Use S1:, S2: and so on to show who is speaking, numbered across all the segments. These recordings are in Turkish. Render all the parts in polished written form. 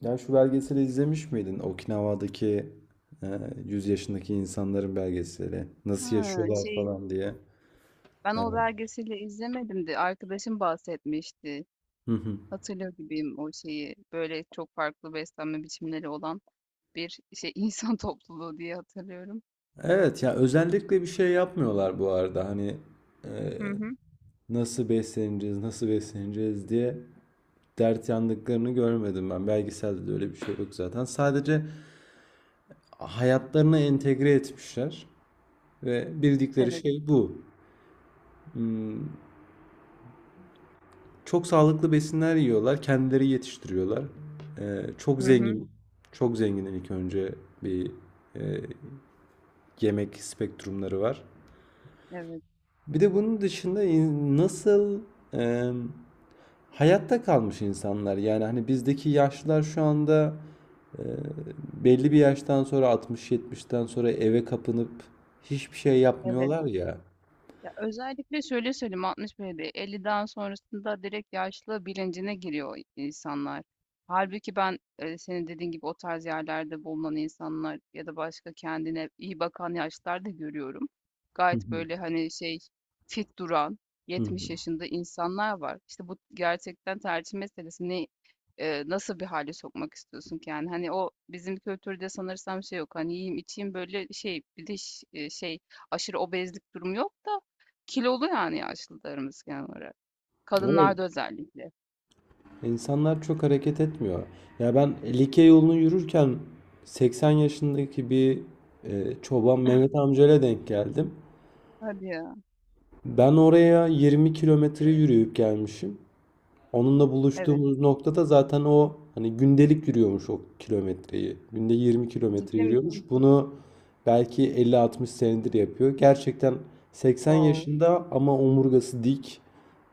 S1: Ya şu belgeseli izlemiş miydin? Okinawa'daki e, 100 yaşındaki insanların belgeseli. Nasıl
S2: Ha,
S1: yaşıyorlar
S2: şey
S1: falan diye.
S2: ben o
S1: Evet.
S2: belgeseli izlemedim de arkadaşım bahsetmişti.
S1: Hı hı.
S2: Hatırlıyor gibiyim o şeyi. Böyle çok farklı beslenme biçimleri olan bir şey insan topluluğu diye hatırlıyorum.
S1: Evet ya özellikle bir şey yapmıyorlar bu arada. Hani e,
S2: Hı hı.
S1: nasıl besleneceğiz, nasıl besleneceğiz diye dert yandıklarını görmedim ben. Belgeselde de öyle bir şey yok zaten. Sadece hayatlarına entegre etmişler ve bildikleri
S2: Evet.
S1: şey bu. Hmm, Çok sağlıklı besinler yiyorlar, kendileri yetiştiriyorlar. Çok
S2: Hı hı.
S1: zengin, çok zengin ilk önce bir e, yemek spektrumları var.
S2: Evet.
S1: Bir de bunun dışında nasıl e, hayatta kalmış insanlar, yani hani bizdeki yaşlılar şu anda e, belli bir yaştan sonra, 60-70'ten sonra eve kapanıp hiçbir şey
S2: Evet.
S1: yapmıyorlar ya.
S2: Ya özellikle şöyle söyleyeyim 60 böyle 50'den sonrasında direkt yaşlı bilincine giriyor insanlar. Halbuki ben senin dediğin gibi o tarz yerlerde bulunan insanlar ya da başka kendine iyi bakan yaşlılar da görüyorum.
S1: Hı
S2: Gayet
S1: hı.
S2: böyle hani şey fit duran
S1: Hı hı.
S2: 70 yaşında insanlar var. İşte bu gerçekten tercih meselesi. Ne, nasıl bir hale sokmak istiyorsun ki yani? Hani o bizim kültürde sanırsam şey yok. Hani yiyeyim içeyim böyle şey bir de şey aşırı obezlik durumu yok. Kilolu yani yaşlılarımız genel olarak.
S1: Evet.
S2: Kadınlarda özellikle.
S1: İnsanlar çok hareket etmiyor. Ya ben Likya yolunu yürürken 80 yaşındaki bir çoban Mehmet amcayla denk geldim.
S2: Hadi ya.
S1: Ben oraya 20 kilometre yürüyüp gelmişim. Onunla
S2: Evet.
S1: buluştuğumuz noktada zaten o hani gündelik yürüyormuş o kilometreyi. Günde 20 kilometre
S2: Ciddi
S1: yürüyormuş.
S2: misin?
S1: Bunu belki 50-60 senedir yapıyor. Gerçekten 80
S2: Wow.
S1: yaşında ama omurgası dik.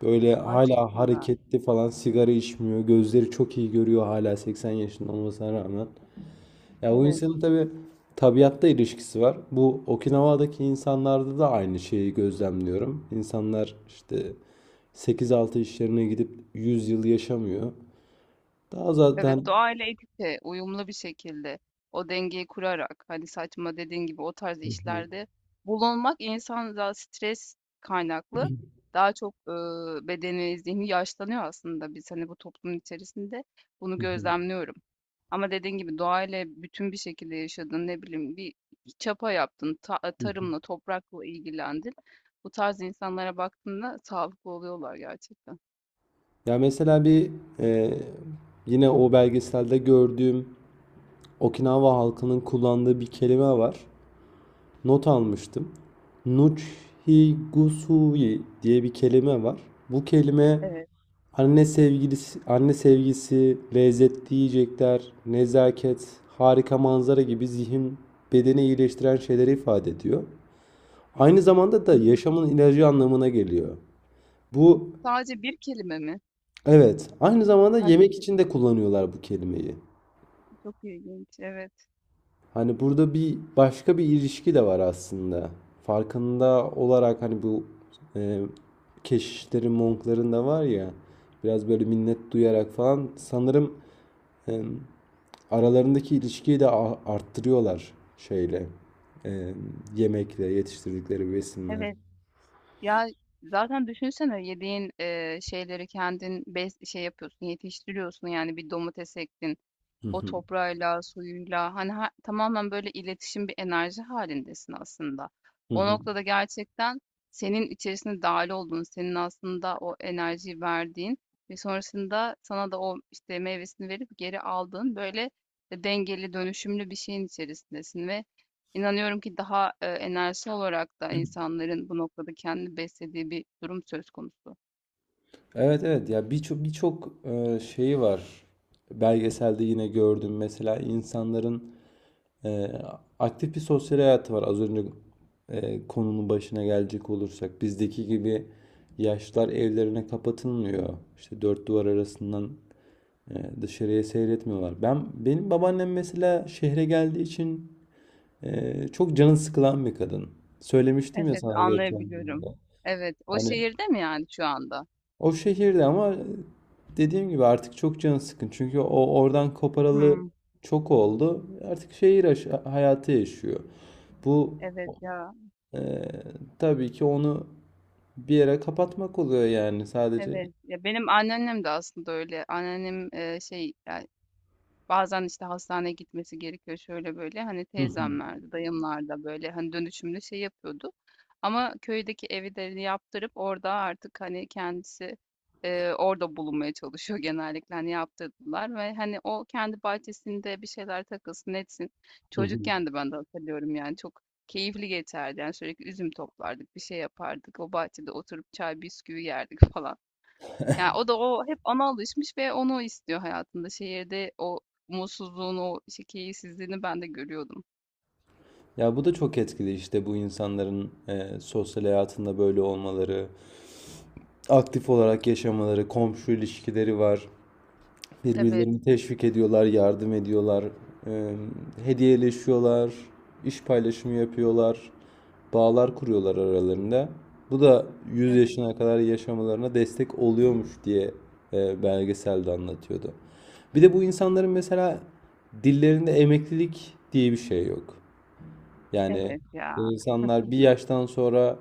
S1: Böyle
S2: Ay çok
S1: hala
S2: güzel.
S1: hareketli falan, sigara içmiyor. Gözleri çok iyi görüyor hala, 80 yaşında olmasına rağmen. Ya o
S2: Evet.
S1: insanın tabii tabiatta ilişkisi var. Bu Okinawa'daki insanlarda da aynı şeyi gözlemliyorum. İnsanlar işte sekiz altı işlerine gidip 100 yıl yaşamıyor. Daha
S2: Evet,
S1: zaten
S2: doğayla ekipçe, uyumlu bir şekilde o dengeyi kurarak hani saçma dediğin gibi o tarz işlerde bulunmak insan da stres kaynaklı daha çok bedeni, zihni yaşlanıyor aslında biz hani bu toplumun içerisinde bunu gözlemliyorum. Ama dediğin gibi doğayla bütün bir şekilde yaşadın ne bileyim bir çapa yaptın, tarımla, toprakla ilgilendin. Bu tarz insanlara baktığında sağlıklı oluyorlar gerçekten.
S1: ya mesela bir e, yine o belgeselde gördüğüm Okinawa halkının kullandığı bir kelime var. Not almıştım. Nuchigusui diye bir kelime var. Bu kelime
S2: Evet.
S1: anne sevgilisi, anne sevgisi, lezzetli yiyecekler, nezaket, harika manzara gibi zihin bedeni iyileştiren şeyleri ifade ediyor. Aynı zamanda da
S2: Hı hı.
S1: yaşamın ilacı anlamına geliyor. Bu,
S2: Sadece bir kelime mi?
S1: evet, aynı zamanda
S2: A,
S1: yemek
S2: çok
S1: için
S2: ilginç,
S1: de kullanıyorlar bu kelimeyi.
S2: çok ilginç. Evet,
S1: Hani burada bir başka bir ilişki de var aslında. Farkında olarak hani bu e, keşişlerin, monkların da var ya, biraz böyle minnet duyarak falan sanırım e, aralarındaki ilişkiyi de arttırıyorlar şeyle. Ee, Yemekle, yetiştirdikleri besinle.
S2: evet. Ya, zaten düşünsene yediğin, şeyleri kendin bes şey yapıyorsun, yetiştiriyorsun, yani, bir domates ektin. O toprağıyla, suyuyla hani tamamen böyle iletişim bir enerji halindesin aslında.
S1: Hı
S2: O
S1: hı.
S2: noktada gerçekten senin içerisinde dahil olduğun, senin aslında o enerjiyi verdiğin ve sonrasında sana da o işte meyvesini verip geri aldığın böyle dengeli, dönüşümlü bir şeyin içerisindesin ve inanıyorum ki daha enerji olarak da insanların bu noktada kendini beslediği bir durum söz konusu.
S1: Evet evet, ya birçok birçok şeyi var. Belgeselde yine gördüm mesela, insanların e, aktif bir sosyal hayatı var. Az önce konunun başına gelecek olursak, bizdeki gibi yaşlılar evlerine kapatılmıyor. İşte dört duvar arasından e, dışarıya seyretmiyorlar. Benim babaannem mesela şehre geldiği için çok canı sıkılan bir kadın. Söylemiştim ya
S2: Evet,
S1: sana geçen gün de.
S2: anlayabiliyorum. Evet, o
S1: Hani,
S2: şehirde mi yani şu anda?
S1: o şehirde ama dediğim gibi artık çok canı sıkın. Çünkü o oradan koparalı
S2: Hmm.
S1: çok oldu. Artık şehir hayatı yaşıyor. Bu
S2: Evet ya,
S1: e, tabii ki onu bir yere kapatmak oluyor yani, sadece.
S2: evet. Ya benim anneannem de aslında öyle. Anneannem, şey, yani bazen, işte, hastaneye gitmesi gerekiyor, şöyle böyle. Hani,
S1: Hı hı.
S2: teyzemlerde, dayımlarda, böyle, hani, dönüşümlü şey yapıyordu ama köydeki evi de yaptırıp orada artık, hani, kendisi, orada bulunmaya çalışıyor genellikle. Hani, yaptırdılar ve, hani, o kendi bahçesinde bir şeyler takılsın, etsin.
S1: Hı hı.
S2: Çocukken de ben de hatırlıyorum, yani, çok keyifli geçerdi. Yani, sürekli üzüm toplardık, bir şey yapardık. O bahçede oturup çay bisküvi yerdik falan. Yani o da o hep ona alışmış ve onu istiyor hayatında. Şehirde o mutsuzluğunu, o şey, keyifsizliğini ben de görüyordum.
S1: Ya bu da çok etkili işte, bu insanların sosyal hayatında böyle olmaları, aktif olarak yaşamaları, komşu ilişkileri var.
S2: Evet,
S1: Birbirlerini teşvik ediyorlar, yardım ediyorlar, e, hediyeleşiyorlar, iş paylaşımı yapıyorlar, bağlar kuruyorlar aralarında. Bu da yüz
S2: evet,
S1: yaşına kadar yaşamalarına destek oluyormuş diye belgeselde anlatıyordu. Bir de bu insanların mesela dillerinde emeklilik diye bir şey yok. Yani
S2: evet
S1: bu
S2: ya,
S1: insanlar bir yaştan sonra,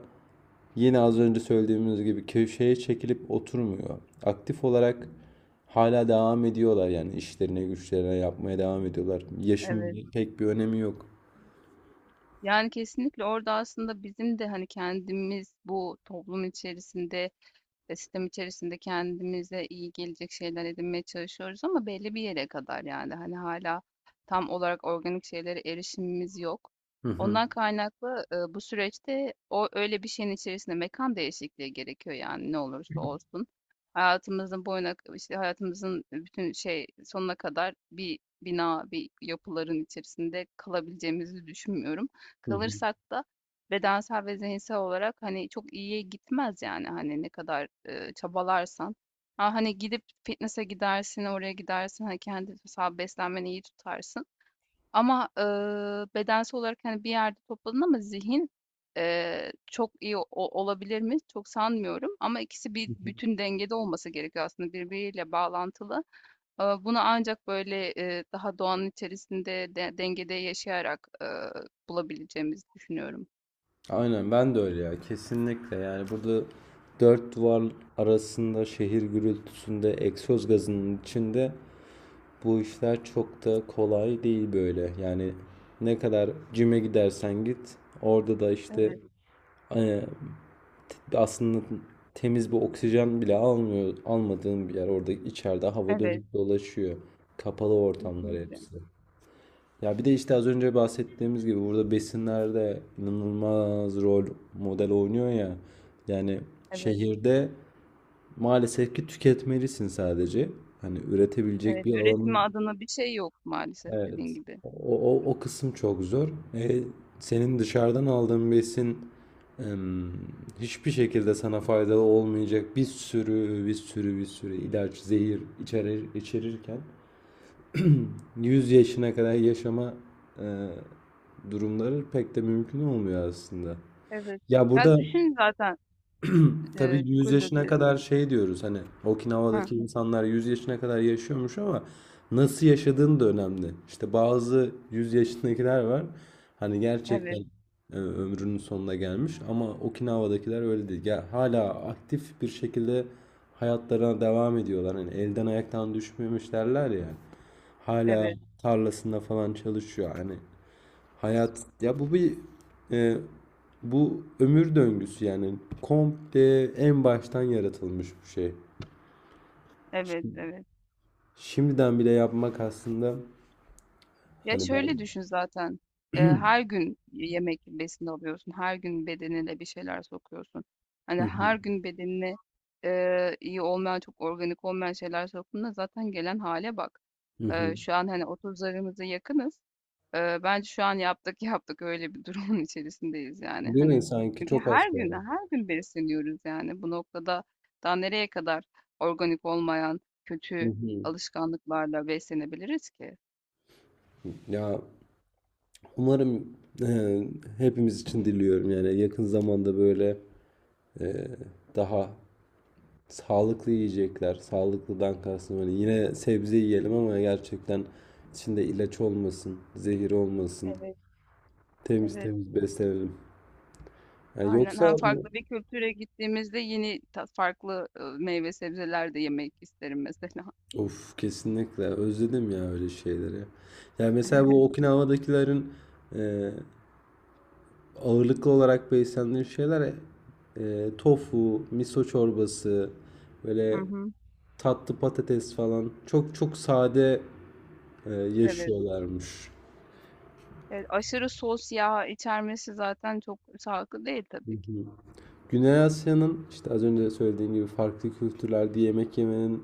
S1: yine az önce söylediğimiz gibi, köşeye çekilip oturmuyor. Aktif olarak hala devam ediyorlar yani, işlerine güçlerine yapmaya devam ediyorlar.
S2: evet.
S1: Yaşın pek bir önemi yok.
S2: Yani kesinlikle orada aslında bizim de hani kendimiz bu toplum içerisinde sistem içerisinde kendimize iyi gelecek şeyler edinmeye çalışıyoruz ama belli bir yere kadar yani. Hani hâlâ tam olarak organik şeylere erişimimiz yok.
S1: Hı hı.
S2: Ondan kaynaklı, bu süreçte o öyle bir şeyin içerisinde mekan değişikliği gerekiyor yani ne olursa olsun. Hayatımızın boyuna işte hayatımızın bütün şey sonuna kadar bir bina, bir yapıların içerisinde kalabileceğimizi düşünmüyorum.
S1: Hı hı.
S2: Kalırsak da bedensel ve zihinsel olarak, hani, çok iyiye gitmez yani, hani, ne kadar, çabalarsan. Ha, hani, gidip fitnesse gidersin, oraya gidersin, hani, kendi mesela beslenmeni iyi tutarsın ama, bedensel olarak, hani, bir yerde topladın ama zihin, çok iyi o olabilir mi? Çok sanmıyorum ama ikisi bir bütün dengede olması gerekiyor aslında birbiriyle bağlantılı. Bunu ancak böyle, daha doğanın içerisinde de dengede yaşayarak, bulabileceğimizi düşünüyorum.
S1: Aynen, ben de öyle ya, kesinlikle. Yani burada dört duvar arasında, şehir gürültüsünde, egzoz gazının içinde, bu işler çok da kolay değil böyle yani. Ne kadar cime gidersen git, orada da işte
S2: Evet.
S1: e, aslında temiz bir oksijen bile almıyor, almadığın bir yer. Orada içeride hava
S2: Evet,
S1: dönüp dolaşıyor. Kapalı ortamlar
S2: kesinlikle.
S1: hepsi. Ya bir de işte az önce bahsettiğimiz gibi, burada besinlerde inanılmaz rol model oynuyor ya. Yani
S2: Evet,
S1: şehirde maalesef ki tüketmelisin sadece. Hani üretebilecek
S2: evet.
S1: bir
S2: Üretimi
S1: alanın.
S2: adına bir şey yok maalesef
S1: Evet.
S2: dediğin gibi.
S1: O, o kısım çok zor. E, Senin dışarıdan aldığın besin em, hiçbir şekilde sana faydalı olmayacak, bir sürü bir sürü bir sürü ilaç, zehir içerir, içerirken 100 yaşına kadar yaşama e, durumları pek de mümkün olmuyor aslında.
S2: Evet.
S1: Ya
S2: Ya
S1: burada
S2: düşün zaten,
S1: tabii
S2: çok
S1: 100
S2: özür
S1: yaşına
S2: dilerim.
S1: kadar şey diyoruz hani,
S2: Ha,
S1: Okinawa'daki insanlar 100 yaşına kadar yaşıyormuş, ama nasıl yaşadığın da önemli. İşte bazı 100 yaşındakiler var hani, gerçekten
S2: evet,
S1: ömrünün sonuna gelmiş, ama Okinawa'dakiler öyle değil. Ya hala aktif bir şekilde hayatlarına devam ediyorlar. Hani elden ayaktan düşmemiş derler ya. Hala
S2: evet,
S1: tarlasında falan çalışıyor. Hani hayat ya, bu bir e, bu ömür döngüsü yani, komple en baştan yaratılmış bir şey.
S2: evet, evet.
S1: Şimdiden bile yapmak aslında,
S2: Ya
S1: hani ben.
S2: şöyle düşün zaten. Her gün yemek besin alıyorsun. Her gün bedenine bir şeyler sokuyorsun.
S1: Hı
S2: Hani
S1: hı,
S2: her gün bedenine iyi olmayan, çok organik olmayan şeyler soktuğunda zaten gelen hale bak.
S1: hı
S2: Eee,
S1: hı.
S2: şu an hani 30'larımıza yakınız. Bence şu an yaptık yaptık öyle bir durumun içerisindeyiz yani.
S1: Değil mi?
S2: Hani
S1: Sanki
S2: çünkü
S1: çok
S2: her
S1: az
S2: gün
S1: kaldı.
S2: her gün besleniyoruz yani. Bu noktada daha nereye kadar organik olmayan
S1: Hı
S2: kötü
S1: hı.
S2: alışkanlıklarla beslenebiliriz ki?
S1: Ya umarım e, hepimiz için diliyorum yani, yakın zamanda böyle e, daha sağlıklı yiyecekler. Sağlıklıdan kastım, hani yine sebze yiyelim ama gerçekten içinde ilaç olmasın, zehir olmasın.
S2: Evet,
S1: Temiz
S2: evet.
S1: temiz beslenelim. Yani
S2: Aynen,
S1: yoksa
S2: hem
S1: bu.
S2: farklı bir kültüre gittiğimizde yeni ta farklı, meyve sebzeler de yemek isterim mesela.
S1: Of, kesinlikle özledim ya öyle şeyleri. Yani mesela bu Okinawa'dakilerin e, ağırlıklı olarak beslendiği şeyler: tofu, miso çorbası,
S2: Hı
S1: böyle
S2: hı.
S1: tatlı patates falan, çok çok sade
S2: Evet.
S1: yaşıyorlarmış.
S2: Evet, aşırı sos, yağ içermesi zaten çok sağlıklı değil tabii ki.
S1: Güney Asya'nın, işte az önce söylediğim gibi, farklı kültürlerde yemek yemenin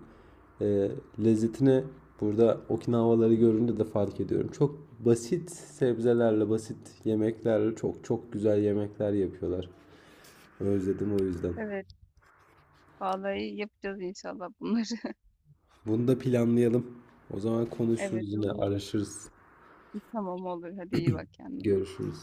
S1: e, lezzetini burada Okinavaları görünce de fark ediyorum. Çok basit sebzelerle, basit yemeklerle çok çok güzel yemekler yapıyorlar. Özledim o yüzden.
S2: Evet, vallahi yapacağız inşallah bunları.
S1: Bunu da planlayalım. O zaman
S2: Evet,
S1: konuşuruz yine,
S2: olur.
S1: araşırız,
S2: Tamam, olur. Hadi iyi bak kendine.
S1: görüşürüz.